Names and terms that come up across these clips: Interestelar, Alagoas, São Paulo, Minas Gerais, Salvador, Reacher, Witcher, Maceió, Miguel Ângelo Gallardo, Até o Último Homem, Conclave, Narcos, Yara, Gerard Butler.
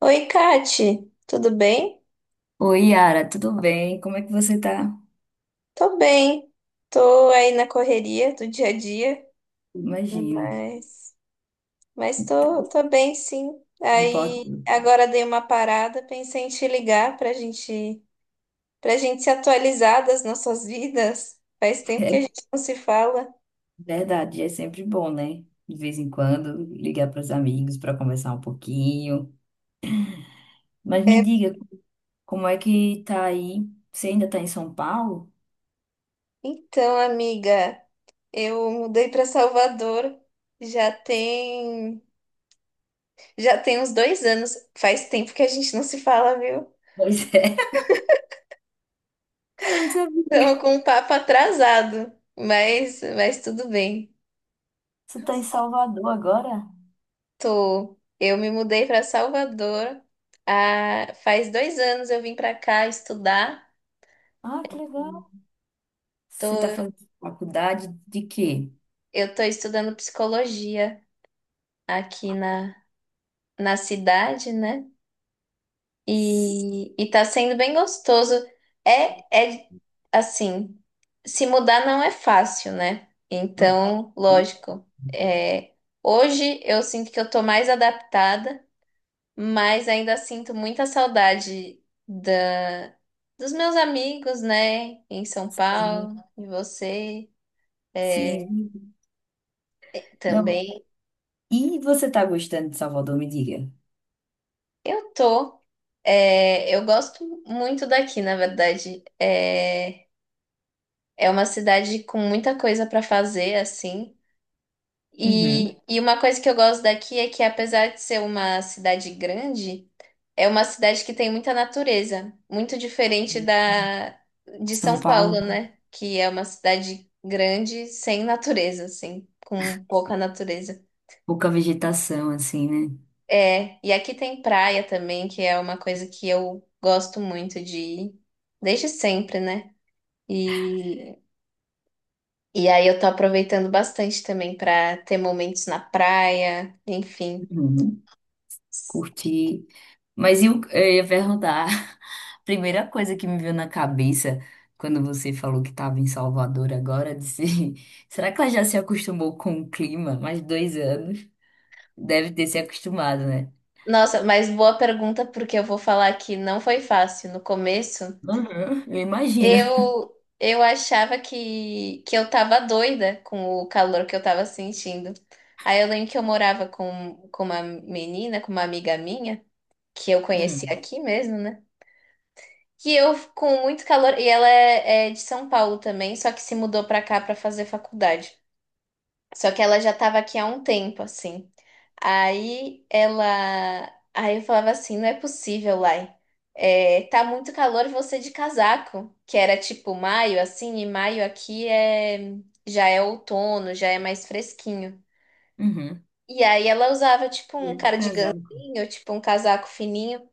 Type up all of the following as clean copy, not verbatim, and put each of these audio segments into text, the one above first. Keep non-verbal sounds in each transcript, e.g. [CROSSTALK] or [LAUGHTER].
Oi, Kati, tudo bem? Oi, Yara, tudo bem? Como é que você tá? Tô bem. Tô aí na correria do dia a dia, Imagino. mas, mas Tá, tô bem, sim. não importa. Aí agora dei uma parada, pensei em te ligar pra gente se atualizar das nossas vidas. Faz tempo que a É gente não se fala. verdade, é sempre bom, né? De vez em quando, ligar para os amigos para conversar um pouquinho. Mas me É, diga, como é que tá aí? Você ainda tá em São Paulo? então, amiga, eu mudei pra Salvador. Já tem, já tem uns 2 anos. Faz tempo que a gente não se fala, viu? Pois é. [LAUGHS] Cara, eu não sabia. Estamos com um papo atrasado, mas tudo bem. Você tá em Salvador agora? Tô. Eu me mudei para Salvador. Ah, faz 2 anos eu vim para cá estudar. Ah, que legal. Tô, Você tá fazendo faculdade de quê? eu tô estudando psicologia aqui na cidade, né? S- E tá sendo bem gostoso. É assim, se mudar não é fácil, né? hum. Então, lógico, é, hoje eu sinto que eu tô mais adaptada. Mas ainda sinto muita saudade dos meus amigos, né? Em São Sim, Paulo, e você é, sim. Não. também. E você tá gostando de Salvador, me diga. Eu tô. Eu gosto muito daqui, na verdade. É uma cidade com muita coisa para fazer, assim. Uhum. E uma coisa que eu gosto daqui é que, apesar de ser uma cidade grande, é uma cidade que tem muita natureza, muito diferente da de São São Paulo, Paulo, né? Que é uma cidade grande sem natureza, assim, com pouca natureza. pouca vegetação, assim, né? É, e aqui tem praia também, que é uma coisa que eu gosto muito de ir, desde sempre, né? E, e aí eu tô aproveitando bastante também para ter momentos na praia, enfim. Uhum. Curti. Mas eu ia perguntar, [LAUGHS] a primeira coisa que me veio na cabeça quando você falou que estava em Salvador agora, disse, [LAUGHS] será que ela já se acostumou com o clima? Mais 2 anos. Deve ter se acostumado, né? Nossa, mas boa pergunta, porque eu vou falar que não foi fácil no começo. Uhum, eu imagino. Eu achava que eu tava doida com o calor que eu tava sentindo. Aí eu lembro que eu morava com uma menina, com uma amiga minha, que eu conheci Uhum. aqui mesmo, né? Que eu, com muito calor, e ela é de São Paulo também, só que se mudou pra cá pra fazer faculdade. Só que ela já estava aqui há um tempo, assim. Aí ela. Aí eu falava assim: não é possível, Lai. É, tá muito calor você de casaco, que era tipo maio, assim, e maio aqui já é outono, já é mais fresquinho. Uhum. E aí ela usava tipo E um aí, casado. cardiganzinho, tipo um casaco fininho.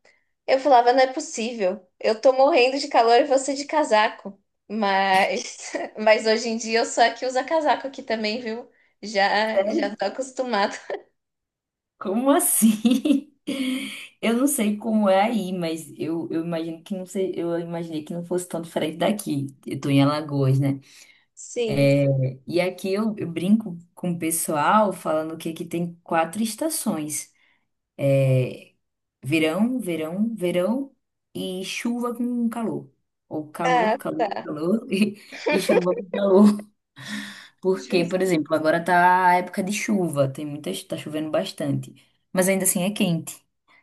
Eu falava, não é possível. Eu tô morrendo de calor e você de casaco. Mas, [LAUGHS] mas hoje em dia eu sou a que usa casaco aqui também, viu? Já, Sério? já tô acostumada. [LAUGHS] Como assim? [LAUGHS] Eu não sei como é aí, mas eu imagino que não sei, eu imaginei que não fosse tão diferente daqui. Eu tô em Alagoas, né? Sim. E aqui eu brinco com o pessoal falando que aqui tem quatro estações: verão, verão, verão e chuva com calor. Ou Ah, calor, calor, calor [LAUGHS] e chuva com calor. Porque, por justo. exemplo, agora tá a época de chuva, tá chovendo bastante. Mas ainda assim é quente.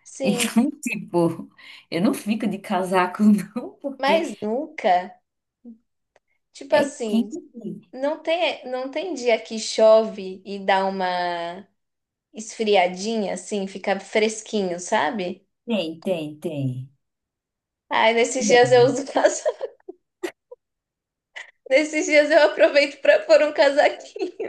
Sim, Então, [LAUGHS] tipo, eu não fico de casaco, [LAUGHS] não, porque mas nunca, tipo é assim, quente. não tem dia que chove e dá uma esfriadinha assim, fica fresquinho, sabe? Tem, tem, tem. Ai, nesses dias eu uso, [LAUGHS] nesses dias eu aproveito pra pôr um casaquinho.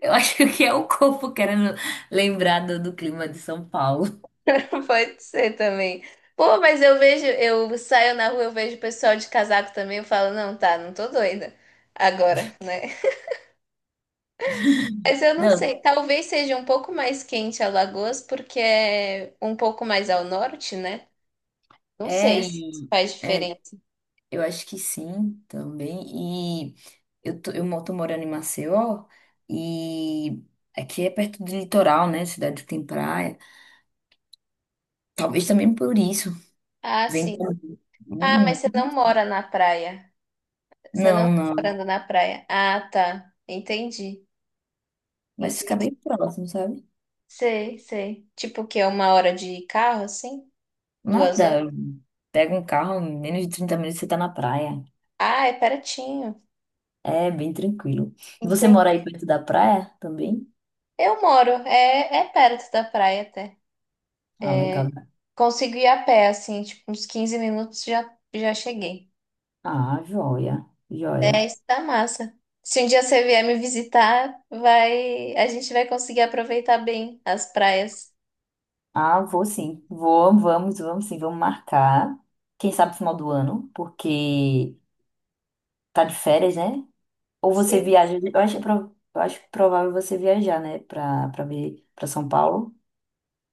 Eu acho que é o corpo querendo lembrar do clima de São Paulo. [LAUGHS] Pode ser também. Pô, mas eu vejo, eu saio na rua, eu vejo o pessoal de casaco também, eu falo, não, tá, não tô doida agora. Mas eu não Não, sei, talvez seja um pouco mais quente Alagoas, porque é um pouco mais ao norte, né? Não é, sei se isso faz é, diferença. eu acho que sim também. E eu tô, tô morando em Maceió e aqui é perto do litoral, né? Cidade que tem praia. Talvez também por isso. Ah, Vem. sim. Ah, mas Hum. você não mora na praia. Você não Não, tá não. morando na praia. Ah, tá. Entendi. Mas fica Entendi. bem próximo, sabe? Sei, sei. Tipo que é 1 hora de carro, assim? 2 horas? Nada, pega um carro, em menos de 30 minutos você tá na praia. Ah, é pertinho. É bem tranquilo. Você Entendi. mora aí perto da praia também? Eu moro, é perto da praia até. Ah, legal. Consigo ir a pé, assim, tipo, uns 15 minutos já cheguei. Ah, joia, joia. É, isso tá massa. Se um dia você vier me visitar, vai, a gente vai conseguir aproveitar bem as praias. Ah, vou sim. Vou, vamos, vamos sim, vamos marcar. Quem sabe final do ano, porque tá de férias, né? Ou você Sim. viaja, eu acho, eu acho provável você viajar, né, pra ver, pra São Paulo.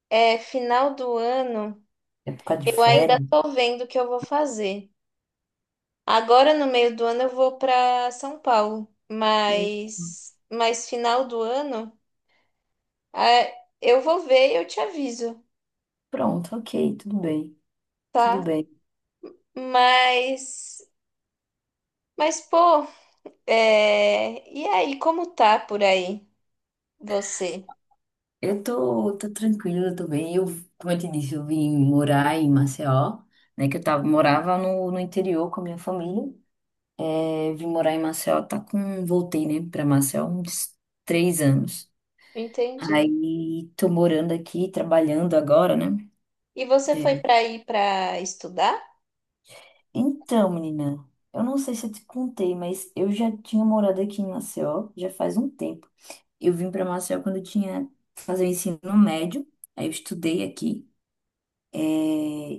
É, final do ano, É por causa de eu ainda férias. tô vendo o que eu vou fazer. Agora, no meio do ano, eu vou para São Paulo, Hum. mas final do ano, é, eu vou ver e eu te aviso, Pronto, ok, tudo bem, tudo tá? bem. Mas Mas, pô, e aí, como tá por aí você? Eu tô, tô tranquila, tô bem. Eu, como eu te disse, eu vim morar em Maceió, né? Que eu tava, morava no interior com a minha família. É, vim morar em Maceió, voltei, né, pra Maceió uns 3 anos. Entendi. Aí tô morando aqui, trabalhando agora, né? E você foi pra ir pra estudar? Então, menina, eu não sei se eu te contei, mas eu já tinha morado aqui em Maceió já faz um tempo. Eu vim pra Maceió quando eu tinha fazer o ensino médio, aí eu estudei aqui. É,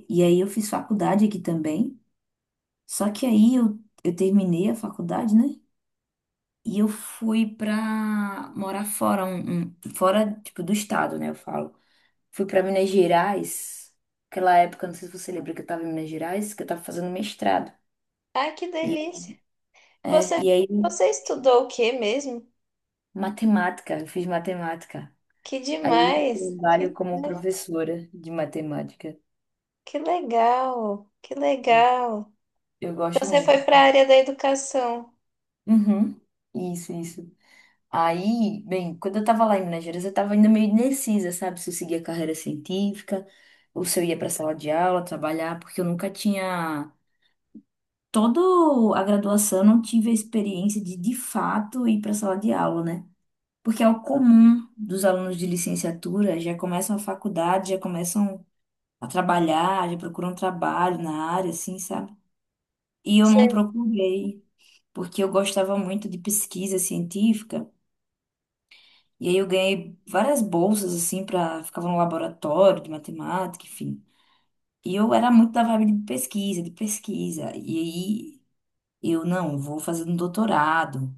e aí eu fiz faculdade aqui também. Só que aí eu terminei a faculdade, né? E eu fui pra morar fora, fora, tipo, do estado, né? Eu falo. Fui pra Minas Gerais. Aquela época, não sei se você lembra que eu tava em Minas Gerais, que eu tava fazendo mestrado. Ai, que E, delícia. é, Você, e aí, você estudou o quê mesmo? matemática, eu fiz matemática. Que Aí hoje eu demais, trabalho como né? professora de matemática. Que legal, que legal. Eu gosto Então, você foi muito. pra área da educação. Uhum. Isso, isso. Aí, bem, quando eu tava lá em Minas Gerais, eu tava ainda meio indecisa, sabe? Se eu seguia carreira científica ou se eu ia pra sala de aula trabalhar, porque eu nunca tinha. Toda a graduação, eu não tive a experiência de fato, ir pra sala de aula, né? Porque é o comum dos alunos de licenciatura, já começam a faculdade, já começam a trabalhar, já procuram trabalho na área, assim, sabe? E eu não Você- procurei, porque eu gostava muito de pesquisa científica. E aí eu ganhei várias bolsas, assim, pra... Ficava no laboratório de matemática, enfim. E eu era muito da vibe de pesquisa, de pesquisa. E aí eu, não, vou fazer um doutorado.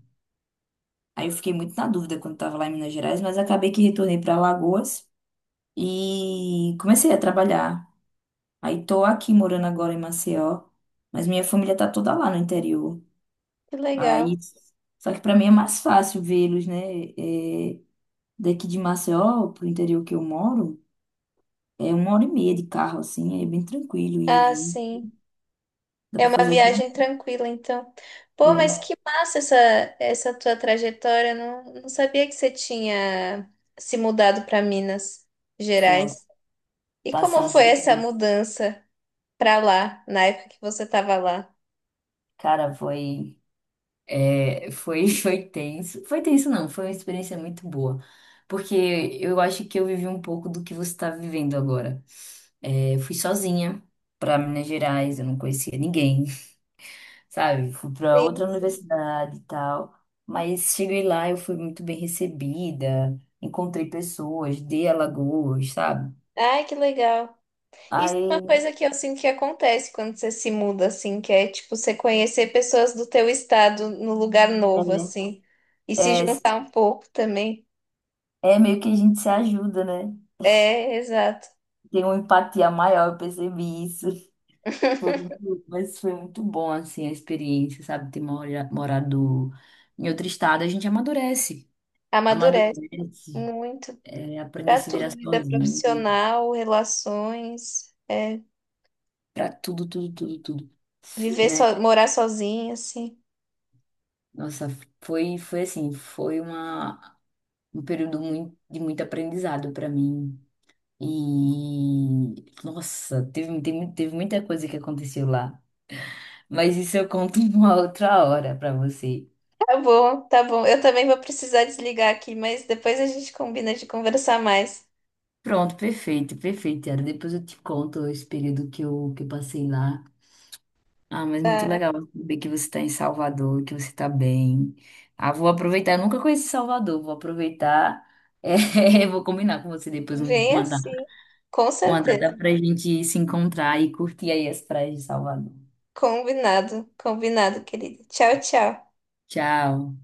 Aí eu fiquei muito na dúvida quando estava lá em Minas Gerais, mas acabei que retornei para Alagoas e comecei a trabalhar. Aí tô aqui morando agora em Maceió, mas minha família tá toda lá no interior. Que legal. Aí, só que para mim é mais fácil vê-los, né? É, daqui de Maceió pro interior que eu moro. É 1 hora e meia de carro, assim, é bem tranquilo ir e Ah, vir. sim. Dá pra Uma fazer tudo. viagem tranquila, então. Pô, É, mas que massa essa, tua trajetória. Não, não sabia que você tinha se mudado para Minas foi, Gerais. E como passei foi dois. essa mudança para lá, na época que você estava lá? Cara, foi, é, foi, [LAUGHS] foi tenso. Foi tenso, não, foi uma experiência muito boa. Porque eu acho que eu vivi um pouco do que você está vivendo agora. É, fui sozinha para Minas Gerais, eu não conhecia ninguém, [LAUGHS] sabe? Fui para Sim, outra sim. universidade e tal. Mas cheguei lá, eu fui muito bem recebida, encontrei pessoas de Alagoas, sabe? Ai, que legal. Isso é uma Aí coisa que eu sinto que acontece quando você se muda, assim, que é tipo você conhecer pessoas do teu estado no lugar é. novo, assim, e se É, juntar um pouco também. é meio que a gente se ajuda, né? É, exato. Tem uma empatia maior, eu percebi isso. Foi muito, mas foi muito bom, assim, a experiência, sabe? Ter morado em outro estado, a gente amadurece. Amadurece Amadurece, muito. é, aprende a Para se virar tudo, vida sozinho, né? profissional, relações, Pra tudo, tudo, tudo, tudo, né? Morar sozinha, assim. Nossa, foi, foi assim, foi uma, um período muito, de muito aprendizado para mim. E, nossa, teve, teve, teve muita coisa que aconteceu lá. Mas isso eu conto [LAUGHS] uma outra hora pra você. Tá bom, tá bom. Eu também vou precisar desligar aqui, mas depois a gente combina de conversar mais. Pronto, perfeito, perfeito, Yara. Depois eu te conto esse período que eu passei lá. Ah, mas muito legal saber que você está em Salvador, que você está bem. Ah, vou aproveitar. Eu nunca conheci Salvador, vou aproveitar. É, [LAUGHS] vou combinar com você depois Vem assim, com uma certeza. data para a gente se encontrar e curtir aí as praias de Salvador. Combinado, combinado, querida. Tchau, tchau. Tchau.